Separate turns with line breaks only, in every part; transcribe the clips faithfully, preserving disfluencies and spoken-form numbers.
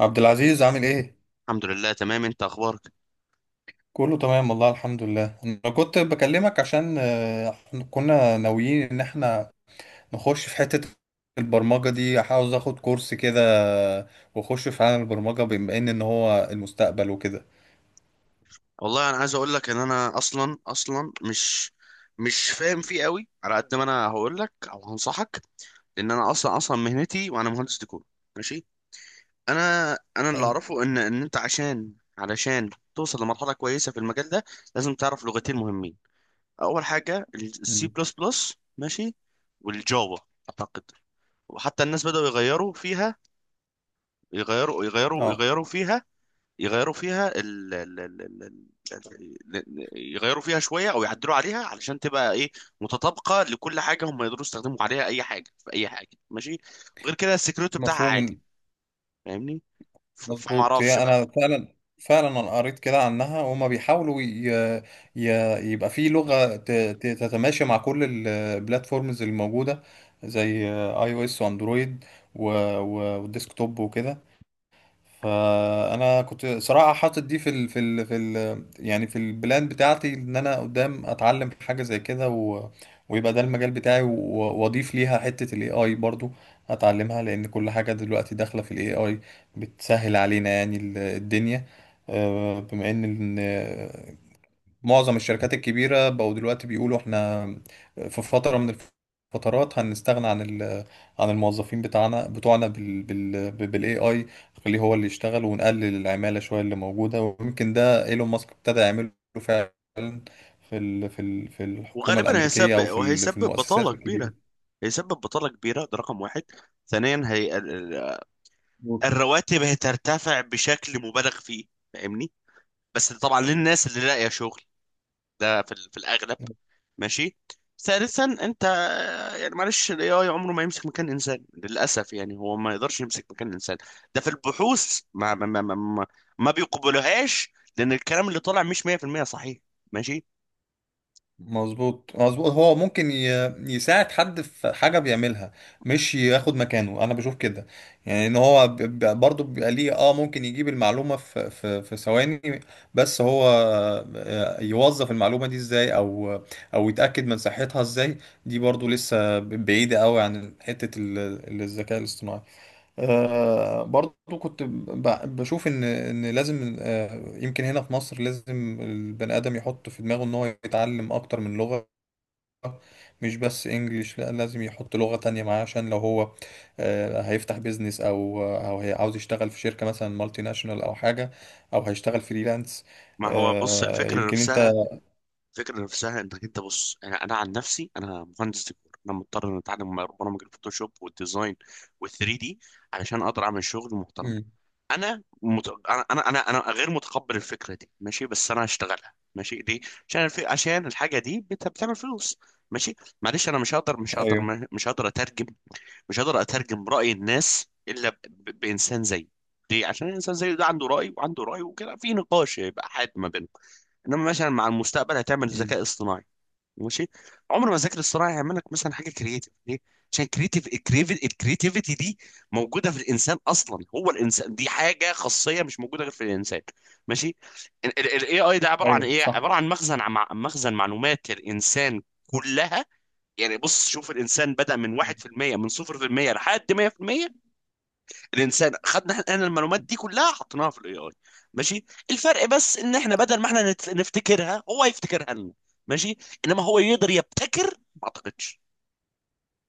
عبد العزيز عامل ايه؟
الحمد لله، تمام. انت اخبارك؟
كله تمام والله الحمد لله انا كنت بكلمك عشان آه، إحنا كنا ناويين ان احنا نخش في حتة البرمجة دي، عاوز اخد كورس كده. آه، واخش في عالم البرمجة بما ان ان هو المستقبل وكده.
والله انا عايز اقول لك ان انا اصلا اصلا مش مش فاهم فيه قوي، على قد ما انا هقول لك او هنصحك، لان انا اصلا اصلا مهنتي، وانا مهندس ديكور. ماشي. انا انا اللي
حلو.
اعرفه ان ان انت عشان علشان توصل لمرحله كويسه في المجال ده، لازم تعرف لغتين مهمين. اول حاجه السي
مم.
بلس بلس، ماشي، والجافا اعتقد. وحتى الناس بدأوا يغيروا فيها يغيروا يغيروا
اه.
يغيروا فيها يغيروا فيها ال... ال... ال... ال... ال- ال- يغيروا فيها شويه، او يعدلوا عليها علشان تبقى ايه، متطابقه لكل حاجه، هم يقدروا يستخدموا عليها اي حاجه في اي حاجه. ماشي. وغير كده السكيورتي بتاعها عادي.
مفهوم.
فاهمني؟ ف- فما
مظبوط،
اعرفش
هي
بقى.
انا فعلا فعلا انا قريت كده عنها، وهما بيحاولوا ي... ي... يبقى في لغة ت... ت- تتماشى مع كل البلاتفورمز الموجودة، زي اي او اس واندرويد و... و... والديسكتوب وكده. فانا كنت صراحه حاطط دي في ال في ال في ال يعني في البلان بتاعتي ان انا قدام اتعلم حاجه زي كده و... ويبقى ده المجال بتاعي، و- واضيف ليها حته الاي اي. برضو هتعلمها لان كل حاجه دلوقتي داخله في الاي اي، بتسهل علينا يعني ال- الدنيا. آه، بما ان إن معظم الشركات الكبيرة بقوا دلوقتي بيقولوا احنا في فترة من الفترات هنستغنى عن ال- عن الموظفين بتاعنا بتوعنا بال بال بالاي اي. خليه هو اللي يشتغل ونقلل العمالة شوية اللي موجودة، ويمكن ده ايلون ماسك ابتدى يعمله فعلا في ال في ال في الحكومة
وغالبا
الأمريكية، أو
هيسبب
في ال- في
وهيسبب
المؤسسات
بطاله كبيره،
الكبيرة.
هيسبب بطاله كبيره. ده رقم واحد. ثانيا هي ال- ال- الرواتب هترتفع بشكل مبالغ فيه، فاهمني؟ بس طبعا للناس اللي لاقيه شغل، ده في ال- في الاغلب. ماشي. ثالثا انت يعني، معلش، الاي اي عمره ما يمسك مكان انسان، للاسف، يعني هو ما يقدرش يمسك مكان انسان. ده في البحوث ما ما ما ما, ما ما بيقبلوهاش، لان الكلام اللي طالع مش مية في المية صحيح. ماشي.
مظبوط مظبوط، هو ممكن ي... يساعد حد في حاجة بيعملها، مش ياخد مكانه، انا بشوف كده. يعني ان هو ب... ب... برضه بيبقى ليه اه ممكن يجيب المعلومة في في في ثواني. بس هو آه، يوظف المعلومة دي ازاي، او او يتأكد من صحتها ازاي؟ دي برضه لسه بعيدة قوي عن حتة ال... الذكاء الاصطناعي. آه، برضو كنت ب- بشوف ان ان لازم، آه يمكن هنا في مصر لازم البني ادم يحط في دماغه ان هو يتعلم اكتر من لغة، مش بس انجليش، لا، لازم يحط لغة تانية معاه عشان لو هو آه هيفتح بيزنس او او هي عاوز يشتغل في شركة مثلا مالتي ناشونال او حاجة، او هيشتغل فريلانس.
ما هو بص،
آه
الفكره
يمكن انت.
نفسها، الفكره نفسها انك انت بص، انا انا عن نفسي، انا مهندس ديكور، انا مضطر ان اتعلم برامج الفوتوشوب والديزاين وال3 دي، علشان اقدر اعمل شغل محترم.
مم.
انا مت... انا انا انا أنا غير متقبل الفكره دي. ماشي. بس انا هشتغلها. ماشي. ليه؟ عشان الف... عشان الحاجه دي بت... بتعمل فلوس. ماشي. معلش، انا مش هقدر مش
ايوه.
هقدر مش هقدر اترجم مش هقدر اترجم راي الناس الا ب... ب... بانسان زيي. ليه؟ عشان الانسان زيي ده عنده راي وعنده راي وكده، في نقاش يبقى حاد ما بينكم. انما مثلا مع المستقبل هتعمل
مم.
ذكاء اصطناعي، ماشي، عمر ما ذاكر الصراحه هيعمل لك مثلا حاجه كرييتيف. ليه؟ عشان كريتيف، الكريتيفيتي دي موجوده في الانسان اصلا. هو الانسان دي حاجه خاصيه مش موجوده غير في الانسان. ماشي. الاي اي ده عباره عن
ايوه
ايه؟
صح.
عباره عن مخزن، عم- مخزن معلومات للانسان كلها. يعني بص، شوف الانسان بدأ من واحد في المية من صفر في المية لحد مية في المية. الانسان خدنا احنا المعلومات دي كلها، حطيناها في الاي اي. ماشي. الفرق بس ان احنا بدل ما احنا نت- نفتكرها، هو يفتكرها لنا. ماشي. انما هو يقدر يبتكر؟ ما اعتقدش،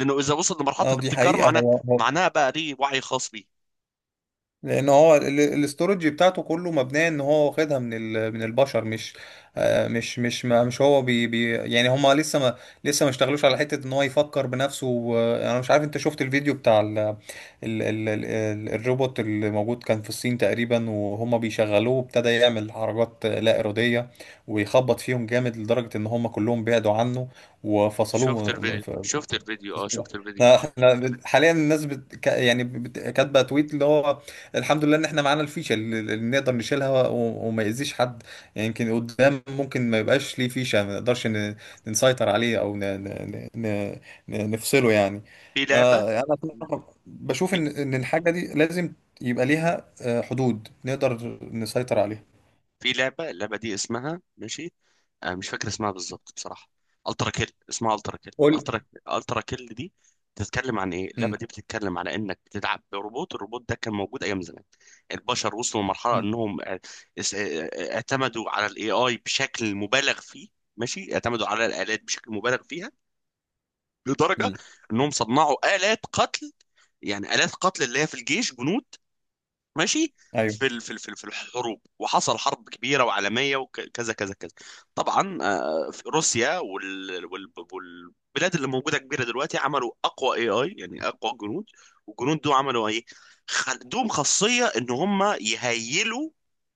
لانه اذا وصل لمرحله
اه، دي
الابتكار
حقيقة.
معناه
هو هو
معناها بقى ليه وعي خاص بيه.
لان هو ال- الاستورج بتاعته كله مبنيه ان هو واخدها من ال- من البشر، مش آه، مش مش ما مش هو بي بي يعني هما لسه ما لسه ما اشتغلوش على حته ان هو يفكر بنفسه، و- انا مش عارف انت شفت الفيديو بتاع ال ال ال ال الروبوت اللي موجود كان في الصين تقريبا، وهما بيشغلوه ابتدى يعمل حركات لا اراديه ويخبط فيهم جامد لدرجه ان هما كلهم بعدوا عنه
شفت
وفصلوه.
الفيديو، شفت الفيديو، اه،
صباح.
شفت الفيديو.
لا، احنا حاليا الناس بت... ك- يعني بت... كاتبه تويت اللي هو الحمد لله ان احنا معانا الفيشه اللي اللي نقدر نشيلها و... وما يأذيش حد. يعني يمكن قدام ممكن ما يبقاش ليه فيشه، ما نقدرش ن... نسيطر عليه او ن... ن... ن... ن... نفصله يعني.
في لعبه،
آه، انا صراحة بشوف
في
ان ان الحاجه دي لازم يبقى ليها آه، حدود نقدر نسيطر عليها.
في لعبه اللعبه دي اسمها ماشي. آه مش فاكر اسمها بالظبط بصراحه. الترا كيل. اسمها الترا كيل
قول.
الترا الترا كيل دي بتتكلم عن ايه؟
مم.
اللعبه دي بتتكلم على انك بتلعب بروبوت. الروبوت ده كان موجود ايام زمان. البشر وصلوا لمرحله
مم.
انهم آه، اس- آه، آه، اعتمدوا على الاي اي بشكل مبالغ فيه. ماشي. اعتمدوا على الالات بشكل مبالغ فيها، لدرجه
مم.
انهم صنعوا الات قتل. يعني الات قتل اللي هي في الجيش جنود. ماشي.
ايوه.
في ال- في ال- في ال- في الحروب، وحصل حرب كبيره وعالميه وكذا كذا كذا. طبعا، آه، في روسيا وال وال والبلاد اللي موجوده كبيره دلوقتي عملوا اقوى اي اي، يعني اقوى جنود. والجنود دول عملوا ايه؟ خ- عندهم خاصيه ان هم يهيلوا.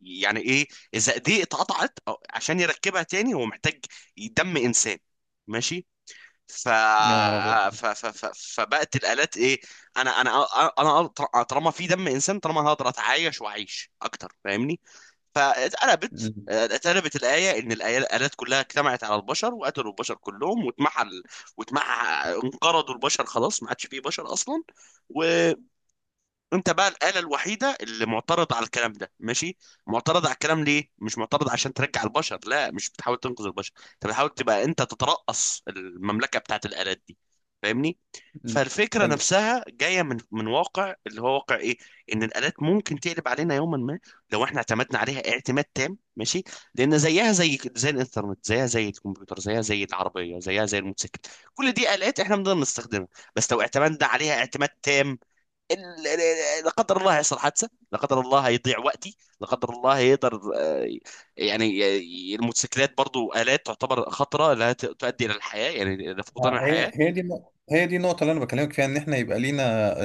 يعني ايه؟ اذا ايديه اتقطعت، أو- عشان يركبها تاني، هو محتاج دم انسان. ماشي. ف...
يا نهار ابيض.
ف... ف... ف... فبقت الآلات ايه؟ انا انا انا أنا طالما في دم انسان طالما هقدر اتعايش واعيش اكتر. فاهمني؟ فاتقلبت
مم.
آه، اتقلبت الآية، ان الآية- الآلات كلها اجتمعت على البشر وقتلوا البشر كلهم، واتمحل واتمح انقرضوا البشر، خلاص، ما عادش فيه بشر اصلا. و انت بقى الآلة الوحيدة اللي معترضة على الكلام ده. ماشي. معترضة على الكلام ليه؟ مش معترضة عشان ترجع البشر، لا، مش بتحاول تنقذ البشر، انت بتحاول تبقى انت تترأس المملكة بتاعت الآلات دي. فاهمني؟
مم.
فالفكرة
حلو.
نفسها جاية من من واقع، اللي هو واقع ايه؟ ان الآلات ممكن تقلب علينا يوما ما، لو احنا اعتمدنا عليها اعتماد تام. ماشي. لان زيها زي زي الانترنت، زيها زي الكمبيوتر، زيها زي العربية، زيها زي الموتوسيكل، كل دي آلات احنا بنقدر نستخدمها، بس لو اعتمدنا عليها اعتماد تام، ال- ال- ال- لا قدر الله يحصل حادثه، لا قدر الله يضيع وقتي، لا قدر الله يقدر. آه، يعني، ي- الموتوسيكلات برضو الات تعتبر خطره، لا ت- تؤدي الى الحياه، يعني إلى فقدان
آه، هي
الحياه.
هي دي النقطة هي دي النقطة اللي أنا بكلمك فيها، إن إحنا يبقى لينا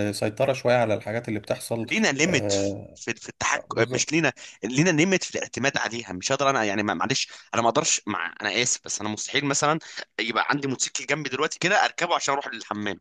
آه، سيطرة شوية على الحاجات اللي بتحصل.
لينا ليميت
آه،
في في التحكم، آه،
بالظبط.
مش لينا، لينا ليميت في الاعتماد عليها. مش هقدر انا يعني، ما- معلش، انا ما اقدرش، مع انا اسف، بس انا مستحيل مثلا يبقى عندي موتوسيكل جنبي دلوقتي كده اركبه عشان اروح للحمام،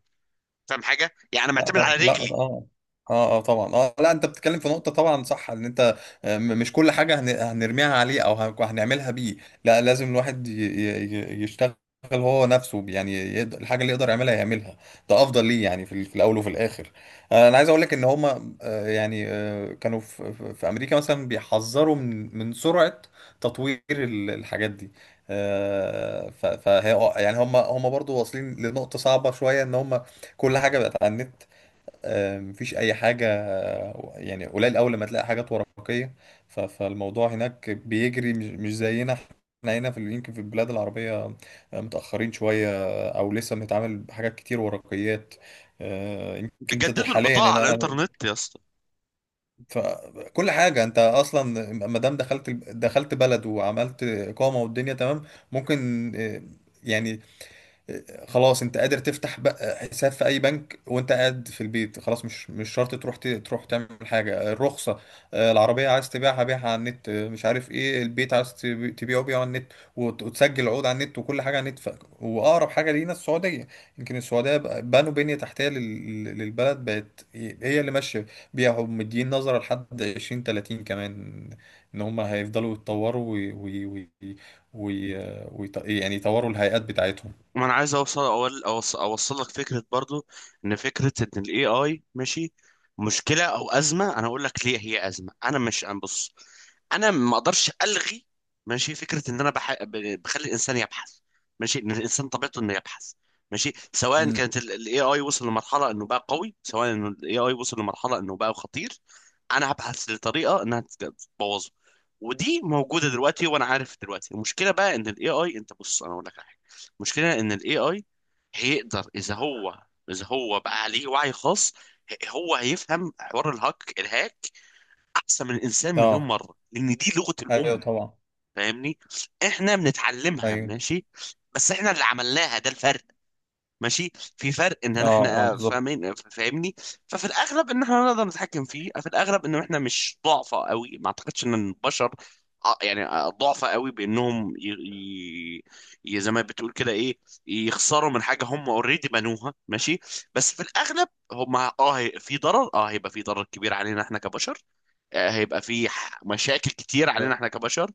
فاهم حاجه يعني؟ انا
لا
معتمد
طبعا،
على
لا،
رجلي.
اه، اه، اه، طبعا، اه، لا، انت بتتكلم في نقطة طبعا صح. ان انت، آه، م- مش كل حاجة هن- هنرميها عليه او هن- هنعملها بيه. لا، لازم الواحد ي- ي- ي- يشتغل هو نفسه، يعني يقدر الحاجة اللي يقدر يعملها يعملها. ده افضل ليه يعني في, ال- في الاول وفي الاخر. آه، انا عايز اقول لك ان هما آه، يعني آه، كانوا في, في في امريكا مثلا بيحذروا من من سرعة تطوير ال- الحاجات دي. آه، ف فهي- يعني هم هم برضو واصلين لنقطة صعبة شوية، ان هم كل حاجه بقت على النت. آه، مفيش اي حاجه، آه، يعني قليل اول لما تلاقي حاجات ورقيه. ف- فالموضوع هناك بيجري، مش مش زينا احنا هنا في ال- يمكن في البلاد العربيه آه، متاخرين شويه، آه، او لسه بنتعامل بحاجات كتير ورقيات. آه، يمكن انت
بيجددوا
حاليا
البطاقه على
هنا انا.
الانترنت يا اسطى.
ف- كل حاجه انت اصلا، ما دام دخلت دخلت بلد وعملت اقامه والدنيا تمام، ممكن آه، يعني خلاص انت قادر تفتح بقى حساب في اي بنك وانت قاعد في البيت، خلاص مش مش شرط تروح ت- تروح تعمل حاجه. الرخصه آه، العربيه عايز تبيعها، بيعها على النت. آه، مش عارف ايه، البيت عايز تبي- تبيعه، بيعه على النت، وت- وتسجل عقود على النت، وكل حاجه على النت. ف... واقرب حاجه لينا السعوديه. يمكن السعوديه بقى- بنوا بنيه تحتيه لل... للبلد، بقت هي اللي ماشيه بيها، ومدين نظره لحد عشرين تلاتين كمان ان هم هيفضلوا يتطوروا وي... وي... وي... وي... ويط- يعني يطوروا الهيئات بتاعتهم.
ما انا عايز اوصل، اول اوصل, أوصل لك فكره برضو، ان فكره ان الاي اي ماشي مشكله او ازمه. انا اقول لك ليه هي ازمه. انا مش انا بص، انا ما اقدرش الغي، ماشي، فكره ان انا بح... ب- بخلي الانسان يبحث، ماشي، ان الانسان طبيعته انه يبحث. ماشي. سواء
امم.
كانت الاي اي وصل لمرحله انه بقى قوي، سواء انه الاي اي وصل لمرحله انه بقى خطير، انا هبحث لطريقه انها تت- تبوظه. ودي موجوده دلوقتي وانا عارف دلوقتي. المشكله بقى ان الاي اي، انت بص انا اقول لك حاجه، المشكله ان الاي اي هيقدر، اذا هو اذا هو بقى عليه وعي خاص، ه- هو هيفهم حوار الهاك، الهاك احسن من الانسان مليون
اه.
مره، لان دي لغه
ايوه
الام.
طبعا.
فاهمني؟ احنا بنتعلمها،
ايوه.
ماشي، بس احنا اللي عملناها، ده الفرق. ماشي. في فرق ان
اه، اه،
احنا
بالظبط.
فاهمين، فاهمني؟ ففي الاغلب ان احنا نقدر نتحكم فيه، في الاغلب ان احنا مش ضعفة قوي. ما اعتقدش ان البشر ع- يعني آه، ضعفة قوي بانهم ي... ي... ي- زي ما بتقول كده ايه، يخسروا من حاجة هم اوريدي بنوها. ماشي. بس في الاغلب هم اه هي- في ضرر، اه هيبقى في ضرر كبير علينا احنا كبشر. آه، هيبقى في ح- مشاكل كتير علينا
ايوه.
احنا كبشر،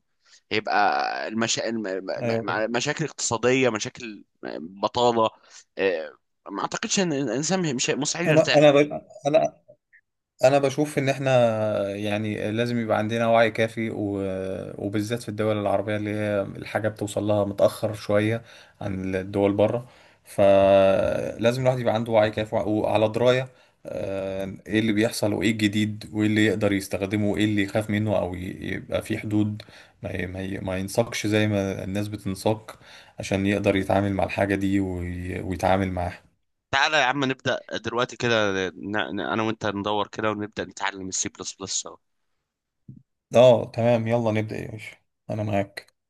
هيبقى المشا... الم-
أيوة
م-
طبعا.
م- مشاكل اقتصادية، مشاكل بطالة، آه، ما اعتقدش ان الانسان مش مستحيل
انا انا
يرتاح.
ب... انا انا بشوف ان احنا، يعني لازم يبقى عندنا وعي كافي و- وبالذات في الدول العربية اللي هي الحاجة بتوصل لها متأخر شوية عن الدول بره. فلازم الواحد يبقى عنده وعي كافي وعلى دراية آه، ايه اللي بيحصل وايه الجديد وايه اللي يقدر يستخدمه وايه اللي يخاف منه، او ي- يبقى في حدود، ما ي- ما ي- ما ينساقش زي ما الناس بتنساق، عشان يقدر يتعامل مع الحاجة دي وي- ويتعامل معاها.
تعالى يا عم، نبدأ دلوقتي كده، ن... ن- انا وانت ندور كده ونبدأ نتعلم السي بلس بلس.
اه تمام، يلا نبدأ يا باشا، انا معاك.